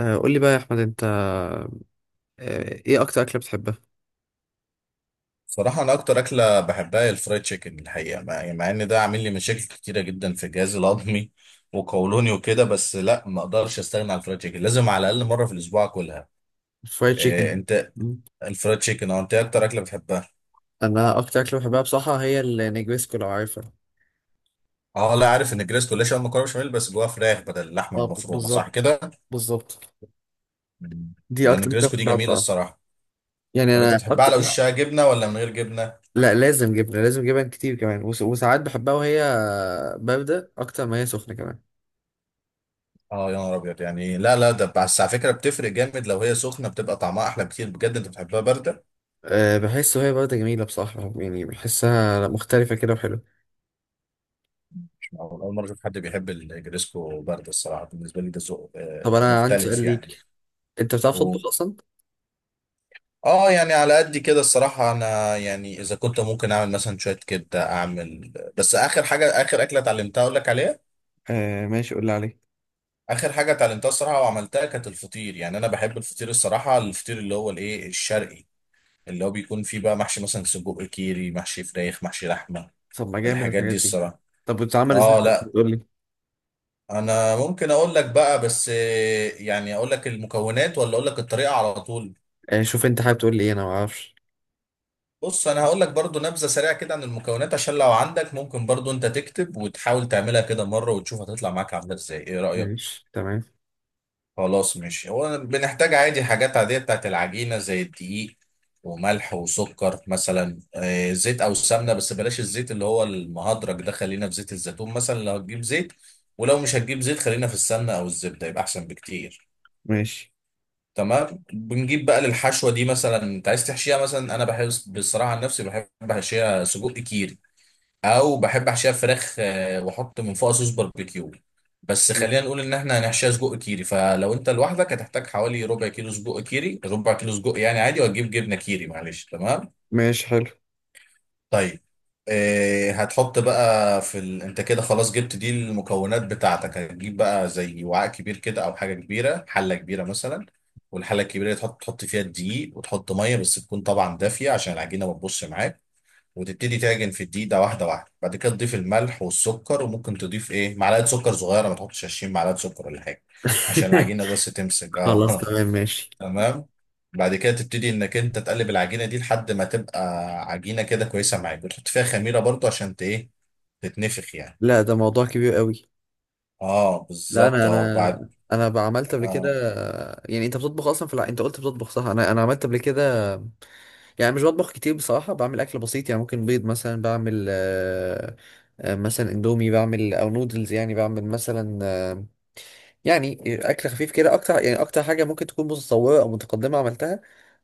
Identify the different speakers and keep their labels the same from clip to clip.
Speaker 1: قول لي بقى يا احمد انت، ايه اكتر اكله بتحبها؟
Speaker 2: صراحة أنا أكتر أكلة بحبها هي الفرايد تشيكن الحقيقة يعني مع إن ده عامل لي مشاكل كتيرة جدا في جهازي الهضمي وقولوني وكده، بس لا، ما أقدرش أستغنى عن الفرايد تشيكن، لازم على الأقل مرة في الأسبوع أكلها.
Speaker 1: فرايد تشيكن.
Speaker 2: إيه أنت
Speaker 1: مم.
Speaker 2: الفرايد تشيكن؟ أه، أنت إيه أكتر أكلة بتحبها؟
Speaker 1: انا اكتر اكله بحبها بصراحه، هي النجويسكو لو عارفها.
Speaker 2: أه لا، عارف إن الجريسكو ليش مكرونة بشاميل بس جواها فراخ بدل اللحمة
Speaker 1: اه،
Speaker 2: المفرومة، صح
Speaker 1: بالظبط
Speaker 2: كده؟
Speaker 1: بالظبط.
Speaker 2: مم.
Speaker 1: دي
Speaker 2: لأن
Speaker 1: اكتر اكله
Speaker 2: الجريسكو دي
Speaker 1: بحبها
Speaker 2: جميلة
Speaker 1: بصراحه،
Speaker 2: الصراحة.
Speaker 1: يعني
Speaker 2: طب أنت
Speaker 1: انا
Speaker 2: بتحبها على
Speaker 1: اكتر.
Speaker 2: وشها جبنة ولا من غير جبنة؟
Speaker 1: لا، لازم جبنه، لازم جبن كتير كمان، وساعات بحبها وهي بارده اكتر ما هي سخنه كمان.
Speaker 2: اه يا نهار ابيض، يعني لا لا، ده بس على فكره بتفرق جامد، لو هي سخنه بتبقى طعمها احلى بكتير بجد. انت بتحبها بارده؟
Speaker 1: أه، بحس وهي بارده جميله بصراحه، يعني بحسها مختلفه كده وحلوه.
Speaker 2: أول مرة أشوف حد بيحب الجريسكو برد، الصراحة بالنسبة لي ده ذوق
Speaker 1: طب انا عندي سؤال
Speaker 2: مختلف يعني.
Speaker 1: ليك، انت بتعرف
Speaker 2: و...
Speaker 1: تطبخ اصلا؟
Speaker 2: آه يعني على قد كده الصراحة، أنا يعني إذا كنت ممكن أعمل مثلا شوية كبدة أعمل، بس آخر حاجة، آخر أكلة اتعلمتها أقول لك عليها.
Speaker 1: أه ماشي، قول لي عليه.
Speaker 2: آخر حاجة اتعلمتها الصراحة وعملتها كانت الفطير، يعني أنا بحب الفطير الصراحة، الفطير اللي هو الإيه الشرقي، اللي هو بيكون فيه بقى محشي مثلا سجق كيري، محشي فراخ، محشي لحمة.
Speaker 1: طب ما جامد
Speaker 2: الحاجات
Speaker 1: الحاجات
Speaker 2: دي
Speaker 1: دي.
Speaker 2: الصراحة.
Speaker 1: طب بتتعمل ازاي،
Speaker 2: آه لا،
Speaker 1: بتقول لي؟
Speaker 2: انا ممكن اقول لك بقى بس، يعني اقول لك المكونات ولا اقول لك الطريقه على طول؟
Speaker 1: آه، شوف انت حابب تقول لي ايه، انا ما اعرفش.
Speaker 2: بص انا هقول لك برضو نبذه سريعه كده عن المكونات، عشان لو عندك ممكن برضو انت تكتب وتحاول تعملها كده مره وتشوف هتطلع معاك عامله ازاي، ايه رايك؟
Speaker 1: ماشي تمام.
Speaker 2: خلاص، ماشي. هو بنحتاج عادي حاجات عاديه بتاعت العجينه زي الدقيق وملح وسكر، مثلا زيت او سمنه، بس بلاش الزيت اللي هو المهدرج ده، خلينا في زيت الزيتون مثلا لو هتجيب زيت، ولو مش هتجيب زيت خلينا في السمنه او الزبده يبقى احسن بكتير.
Speaker 1: ماشي
Speaker 2: تمام، بنجيب بقى للحشوه دي، مثلا انت عايز تحشيها مثلا، انا بحب بصراحه عن نفسي بحب احشيها سجق كيري، او بحب احشيها فراخ واحط من فوقها صوص باربيكيو. بس خلينا نقول ان احنا هنحشيها سجق كيري، فلو انت لوحدك هتحتاج حوالي ربع كيلو سجق كيري، ربع كيلو سجق يعني عادي، وهتجيب جبنه كيري، معلش تمام؟
Speaker 1: ماشي حلو.
Speaker 2: طيب، إيه هتحط بقى في انت كده خلاص جبت دي المكونات بتاعتك، هتجيب بقى زي وعاء كبير كده او حاجه كبيره، حله كبيره مثلا، والحله الكبيره دي تحط، تحط فيها الدقيق وتحط ميه، بس تكون طبعا دافيه عشان العجينه ما تبصش معاك، وتبتدي تعجن في الدقيق ده واحده واحده. بعد كده تضيف الملح والسكر، وممكن تضيف ايه معلقه سكر صغيره، ما تحطش 20 معلقه سكر ولا حاجه، عشان العجينه بس تمسك. اه
Speaker 1: خلاص تمام ماشي.
Speaker 2: تمام. بعد كده تبتدي انك انت تقلب العجينه دي لحد ما تبقى عجينه كده كويسه معاك، بتحط فيها خميره برضو عشان ايه، تتنفخ يعني.
Speaker 1: لا، ده موضوع كبير قوي.
Speaker 2: اه
Speaker 1: لا، انا
Speaker 2: بالظبط، اه بعد
Speaker 1: انا انا بعملت قبل كده.
Speaker 2: آه.
Speaker 1: يعني انت بتطبخ اصلا، فلا انت قلت بتطبخ صح، انا عملت قبل كده. يعني مش بطبخ كتير بصراحه، بعمل اكل بسيط، يعني ممكن بيض مثلا بعمل. مثلا اندومي بعمل او نودلز، يعني بعمل مثلا. يعني اكل خفيف كده اكتر، يعني اكتر حاجه ممكن تكون متطوره او متقدمه عملتها.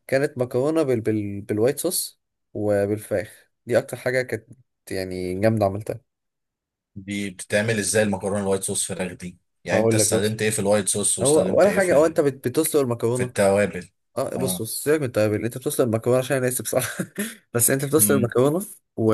Speaker 1: كانت مكرونه بالوايت صوص، وبالفراخ. دي اكتر حاجه كانت، يعني جامده عملتها.
Speaker 2: دي بتتعمل ازاي المكرونه الوايت صوص فراخ دي؟ يعني انت
Speaker 1: هقول لك، بص.
Speaker 2: استخدمت ايه في الوايت صوص،
Speaker 1: هو
Speaker 2: واستخدمت
Speaker 1: ولا
Speaker 2: ايه
Speaker 1: حاجه،
Speaker 2: في
Speaker 1: هو انت بتسلق
Speaker 2: في
Speaker 1: المكرونه.
Speaker 2: التوابل.
Speaker 1: اه بص
Speaker 2: اه.
Speaker 1: بص، سيبك من التوابل، انت بتوصل المكرونه، عشان انا اسف بصراحه بس انت بتوصل
Speaker 2: امم
Speaker 1: المكرونه. و...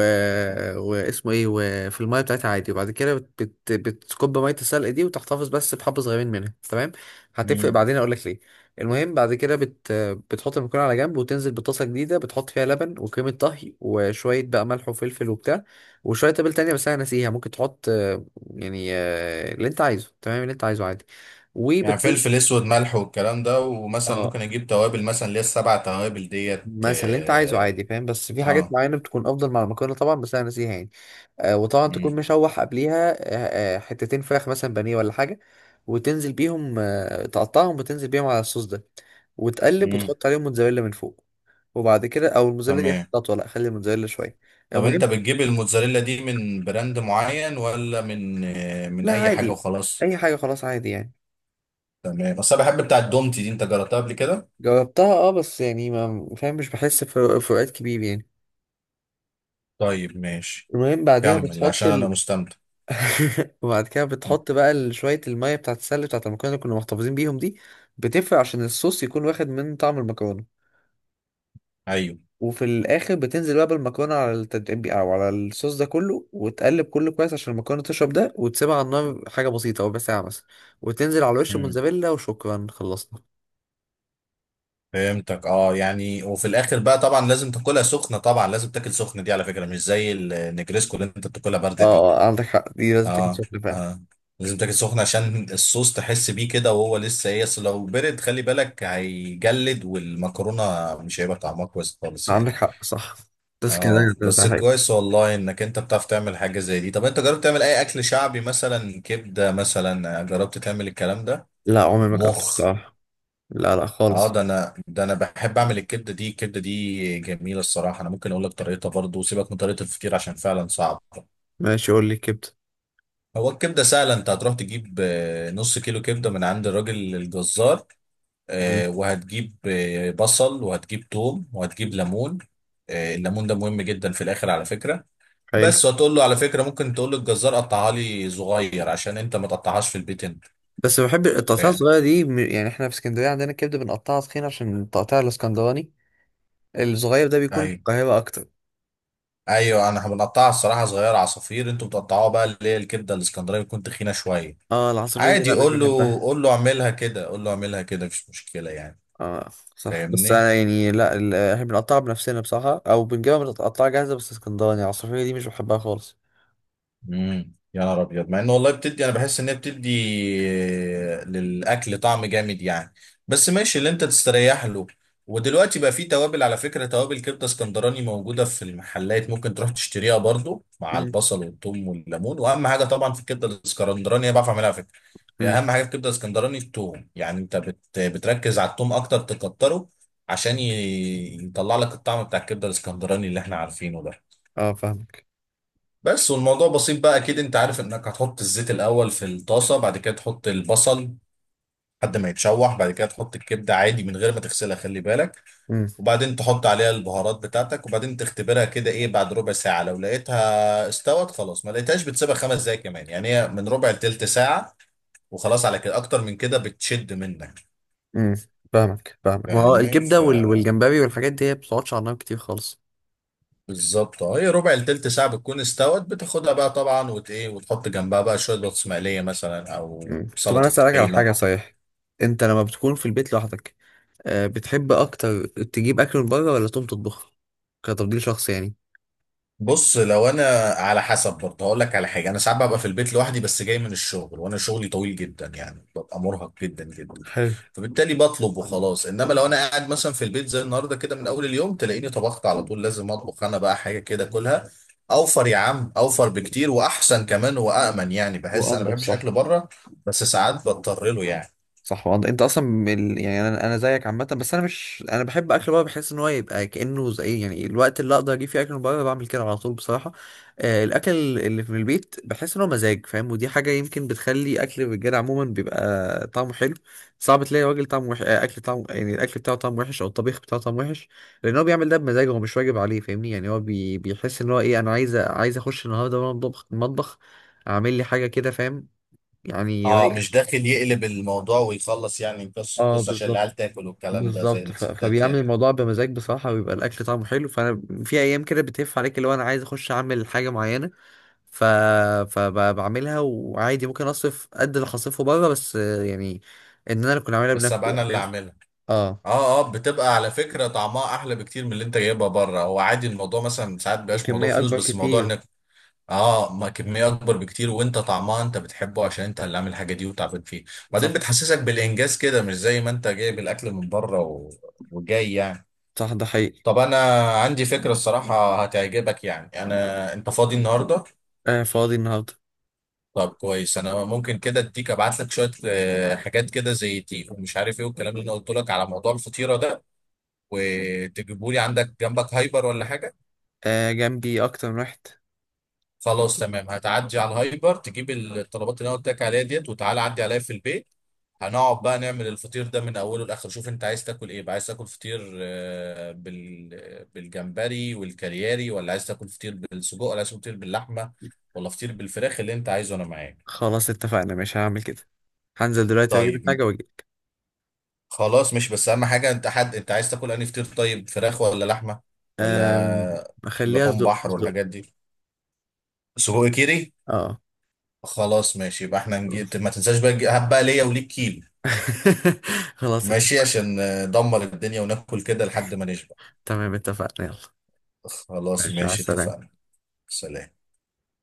Speaker 1: واسمه ايه، وفي الميه بتاعتها عادي، وبعد كده بتكب ميه السلق دي وتحتفظ بس بحبه صغيرين منها، تمام. هتفرق،
Speaker 2: امم.
Speaker 1: بعدين اقول لك ليه. المهم بعد كده بتحط المكرونه على جنب، وتنزل بطاسه جديده بتحط فيها لبن وكريمه طهي وشويه بقى ملح وفلفل وبتاع. وشويه تابل تانية، بس انا ناسيها، ممكن تحط، يعني اللي انت عايزه، تمام اللي انت عايزه عادي.
Speaker 2: يعني
Speaker 1: وبت
Speaker 2: فلفل اسود ملح والكلام ده، ومثلا
Speaker 1: اه
Speaker 2: ممكن اجيب توابل مثلا اللي هي السبع توابل ديت.
Speaker 1: مثلا اللي انت عايزه
Speaker 2: اه.
Speaker 1: عادي، فاهم؟ بس في حاجات
Speaker 2: اه.
Speaker 1: معينه بتكون افضل مع المكرونه طبعا، بس انا ناسيها يعني. وطبعا
Speaker 2: مم.
Speaker 1: تكون مشوح قبليها، حتتين فراخ مثلا بانيه ولا حاجه. وتنزل بيهم تقطعهم، وتنزل بيهم على الصوص ده. وتقلب
Speaker 2: مم.
Speaker 1: وتحط عليهم موتزاريلا من فوق. وبعد كده، او الموتزاريلا دي اخر
Speaker 2: تمام.
Speaker 1: خطوه، لا خلي الموتزاريلا شويه.
Speaker 2: طب انت
Speaker 1: المهم،
Speaker 2: بتجيب الموتزاريلا دي من براند معين، ولا من من
Speaker 1: لا
Speaker 2: اي حاجه
Speaker 1: عادي.
Speaker 2: وخلاص؟
Speaker 1: اي حاجه خلاص، عادي يعني.
Speaker 2: تمام، بس انا بحب بتاع الدومتي دي، انت جربتها قبل كده؟
Speaker 1: جربتها اه، بس يعني ما فاهم، مش بحس بفروقات كبير يعني.
Speaker 2: طيب ماشي.
Speaker 1: المهم بعديها
Speaker 2: كمل
Speaker 1: بتحط
Speaker 2: عشان انا مستمتع.
Speaker 1: وبعد كده
Speaker 2: مم.
Speaker 1: بتحط بقى شوية المية بتاعت السلة بتاعت المكرونة اللي كنا محتفظين بيهم دي. بتفرق عشان الصوص يكون واخد من طعم المكرونة.
Speaker 2: ايوه.
Speaker 1: وفي الآخر بتنزل بقى بالمكرونة على التتبيل أو على الصوص ده كله، وتقلب كله كويس عشان المكرونة تشرب ده، وتسيبها على النار حاجة بسيطة، ربع ساعة مثلا. وتنزل على وش
Speaker 2: مم.
Speaker 1: الموتزاريلا، وشكرا خلصنا.
Speaker 2: فهمتك، اه يعني وفي الاخر بقى طبعا لازم تاكلها سخنه، طبعا لازم تاكل سخنه، دي على فكره مش زي النجريسكو اللي انت بتاكلها
Speaker 1: اه
Speaker 2: بارده دي.
Speaker 1: عندك حق، دي لازم تاكل
Speaker 2: اه.
Speaker 1: سخنة فعلا.
Speaker 2: اه لازم تاكل سخنه عشان الصوص تحس بيه كده وهو لسه ايه، اصل لو برد خلي بالك هيجلد، والمكرونه مش هيبقى طعمها كويس خالص
Speaker 1: عندك
Speaker 2: يعني.
Speaker 1: حق صح، بس كده.
Speaker 2: اه،
Speaker 1: كده ده
Speaker 2: بس
Speaker 1: حاجة.
Speaker 2: كويس والله، انك انت بتعرف تعمل حاجة زي دي. طب انت جربت تعمل اي اكل شعبي، مثلا كبدة مثلا، جربت تعمل الكلام ده؟
Speaker 1: لا، عمري ما جربته
Speaker 2: مخ؟
Speaker 1: بصراحة. لا لا
Speaker 2: اه
Speaker 1: خالص.
Speaker 2: ده انا، ده انا بحب اعمل الكبدة دي، الكبدة دي جميلة الصراحة، انا ممكن اقول لك طريقتها برضو، وسيبك من طريقة الفطير عشان فعلا صعب.
Speaker 1: ماشي، قول لي كبدة.
Speaker 2: هو الكبدة سهلة، انت هتروح تجيب نص كيلو كبدة من عند الراجل الجزار،
Speaker 1: مم.
Speaker 2: وهتجيب بصل وهتجيب توم وهتجيب ليمون. الليمون ده مهم جدا في الاخر على فكرة.
Speaker 1: حلو.
Speaker 2: بس وتقول له، على فكرة ممكن تقول للجزار قطعها لي صغير، عشان انت ما تقطعهاش في البيت انت،
Speaker 1: بس بحب التقطيعة
Speaker 2: فاهم؟
Speaker 1: الصغيرة دي يعني احنا في اسكندرية عندنا الكبدة بنقطعها تخين، عشان التقطيع الاسكندراني الصغير ده بيكون في
Speaker 2: ايوه
Speaker 1: القاهرة أكتر.
Speaker 2: ايوه انا بنقطعها الصراحة صغيرة عصافير، انتوا بتقطعوها بقى اللي هي الكبدة الاسكندرية بتكون تخينة شوية.
Speaker 1: اه، العصافير دي
Speaker 2: عادي،
Speaker 1: لا، مش
Speaker 2: قول له،
Speaker 1: بنحبها.
Speaker 2: قول له اعملها كده، قول له اعملها كده، مفيش مشكلة يعني.
Speaker 1: اه صح، بس
Speaker 2: فاهمني.
Speaker 1: أنا يعني لا، احنا بنقطعها بنفسنا بصراحة أو بنجيبها متقطعة جاهزة، بس اسكندراني العصافير دي مش بحبها خالص.
Speaker 2: يا نهار ابيض، مع ان والله بتدي، انا بحس ان هي بتدي للاكل طعم جامد يعني، بس ماشي اللي انت تستريح له. ودلوقتي بقى في توابل على فكره، توابل كبده اسكندراني موجوده في المحلات، ممكن تروح تشتريها برضو مع
Speaker 1: امم
Speaker 2: البصل والثوم والليمون. واهم حاجه طبعا في الكبده الاسكندراني، انا بعرف اعملها على فكره.
Speaker 1: امم.
Speaker 2: اهم حاجه في الكبده الاسكندراني الثوم، يعني انت بتركز على الثوم اكتر، تكتره عشان يطلع لك الطعم بتاع الكبده الاسكندراني اللي احنا عارفينه ده.
Speaker 1: اه فاهمك.
Speaker 2: بس، والموضوع بسيط بقى، اكيد انت عارف انك هتحط الزيت الاول في الطاسه، بعد كده تحط البصل لحد ما يتشوح، بعد كده تحط الكبده عادي من غير ما تغسلها، خلي بالك.
Speaker 1: امم
Speaker 2: وبعدين تحط عليها البهارات بتاعتك، وبعدين تختبرها كده، ايه بعد ربع ساعه لو لقيتها استوت خلاص، ما لقيتهاش بتسيبها خمس دقايق كمان، يعني هي من ربع لتلت ساعه وخلاص، على كده اكتر من كده بتشد منك.
Speaker 1: امم. فاهمك فاهمك، ما هو
Speaker 2: فاهمني؟
Speaker 1: الكبدة والجمبري والحاجات دي هي ما بتقعدش على النار كتير خالص.
Speaker 2: فبالظبط اه، هي ربع لتلت ساعه بتكون استوت، بتاخدها بقى طبعا وت ايه وتحط جنبها بقى شويه بطاطس مقليه مثلا، او
Speaker 1: مم. طب انا
Speaker 2: سلطه
Speaker 1: اسالك على
Speaker 2: طحينه.
Speaker 1: حاجه، صحيح. انت لما بتكون في البيت لوحدك، بتحب اكتر تجيب اكل من بره ولا تقوم تطبخه، كتفضيل شخصي يعني؟
Speaker 2: بص لو انا، على حسب برضه، هقول لك على حاجه، انا ساعات ببقى في البيت لوحدي بس جاي من الشغل، وانا شغلي طويل جدا يعني، ببقى مرهق جدا جدا،
Speaker 1: حلو
Speaker 2: فبالتالي بطلب وخلاص. انما لو انا قاعد مثلا في البيت زي النهارده كده من اول اليوم، تلاقيني طبخت على طول، لازم اطبخ انا بقى حاجه كده كلها. اوفر يا عم، اوفر بكتير، واحسن كمان وامن. يعني بحس انا ما
Speaker 1: وانضف،
Speaker 2: بحبش اكل
Speaker 1: صح.
Speaker 2: بره، بس ساعات بضطر له يعني.
Speaker 1: صح، وانت اصلا من يعني انا زيك عامه، بس انا مش، انا بحب اكل بره، بحس ان هو يبقى كانه زي يعني الوقت اللي اقدر اجيب فيه اكل من بره بعمل كده على طول بصراحه. الاكل اللي في البيت، بحس ان هو مزاج، فاهم؟ ودي حاجه يمكن بتخلي اكل الرجاله عموما بيبقى طعمه حلو. صعب تلاقي راجل طعمه وحش، اكل طعمه، يعني الاكل بتاعه طعمه وحش او الطبيخ بتاعه طعمه وحش. لان هو بيعمل ده بمزاج، هو مش واجب عليه، فاهمني، يعني هو بيحس ان هو ايه، انا عايز اخش النهارده المطبخ المطبخ، اعمل لي حاجه كده فاهم. يعني
Speaker 2: اه، مش
Speaker 1: رايقة.
Speaker 2: داخل يقلب الموضوع ويخلص يعني قصه
Speaker 1: اه
Speaker 2: قصه عشان
Speaker 1: بالظبط
Speaker 2: العيال تاكل والكلام ده، زي
Speaker 1: بالظبط،
Speaker 2: الستات
Speaker 1: فبيعمل
Speaker 2: يعني.
Speaker 1: الموضوع بمزاج بصراحة، ويبقى الأكل طعمه حلو، فأنا في أيام كده بتهف عليك اللي هو أنا عايز أخش أعمل حاجة معينة. ف... فبعملها وعادي ممكن أصرف قد اللي هصرفه بره، بس يعني إن أنا كنت أعملها
Speaker 2: بس
Speaker 1: بنفسي
Speaker 2: ابقى انا
Speaker 1: بقى
Speaker 2: اللي
Speaker 1: فاهم.
Speaker 2: اعملها.
Speaker 1: أه،
Speaker 2: اه. اه بتبقى على فكرة طعمها احلى بكتير من اللي انت جايبها بره، هو عادي الموضوع مثلا ساعات بيبقاش موضوع
Speaker 1: وكمية
Speaker 2: فلوس،
Speaker 1: أكبر
Speaker 2: بس موضوع
Speaker 1: كتير.
Speaker 2: انك، اه، ما كمية اكبر بكتير، وانت طعمها انت بتحبه عشان انت اللي عامل الحاجة دي وتعبان فيه، وبعدين
Speaker 1: صح
Speaker 2: بتحسسك بالانجاز كده، مش زي ما انت جايب الاكل من بره وجاي يعني.
Speaker 1: صح، ده حقيقي.
Speaker 2: طب انا عندي فكرة الصراحة هتعجبك، يعني انا، انت فاضي النهاردة؟
Speaker 1: آه، فاضي النهاردة.
Speaker 2: طب كويس، انا ممكن كده اديك، ابعت لك شوية حاجات كده زي دي ومش عارف ايه، والكلام اللي انا قلت لك على موضوع الفطيرة ده، وتجيبوا لي، عندك جنبك هايبر ولا حاجه؟
Speaker 1: آه، جنبي أكتر من واحد.
Speaker 2: خلاص تمام، هتعدي على الهايبر تجيب الطلبات اللي انا قلت لك عليها ديت، وتعالى عدي عليا في البيت، هنقعد بقى نعمل الفطير ده من اوله لاخره. شوف انت عايز تاكل ايه بقى، عايز تاكل فطير بالجمبري والكارياري، ولا عايز تاكل فطير بالسجق، ولا عايز تاكل فطير باللحمه، ولا فطير بالفراخ؟ اللي انت عايزه انا معاك.
Speaker 1: خلاص اتفقنا، مش هعمل كده. هنزل دلوقتي وأجيب
Speaker 2: طيب
Speaker 1: الحاجة وأجي.
Speaker 2: خلاص، مش بس اهم حاجه انت حد، انت عايز تاكل انهي فطير؟ طيب فراخ ولا لحمه
Speaker 1: أم...
Speaker 2: ولا
Speaker 1: أخليها
Speaker 2: لحوم
Speaker 1: صدق
Speaker 2: بحر
Speaker 1: صدق.
Speaker 2: والحاجات دي؟ سجق كيري؟
Speaker 1: أه
Speaker 2: خلاص ماشي، يبقى احنا نجي...
Speaker 1: خلاص
Speaker 2: ما تنساش بقى نجي- هات بقى ليا وليك كيلو.
Speaker 1: خلاص
Speaker 2: ماشي،
Speaker 1: اتفقنا.
Speaker 2: عشان ندمر الدنيا وناكل كده لحد ما نشبع.
Speaker 1: تمام اتفقنا، يلا.
Speaker 2: خلاص
Speaker 1: ماشي، مع
Speaker 2: ماشي
Speaker 1: السلامة.
Speaker 2: اتفقنا. سلام.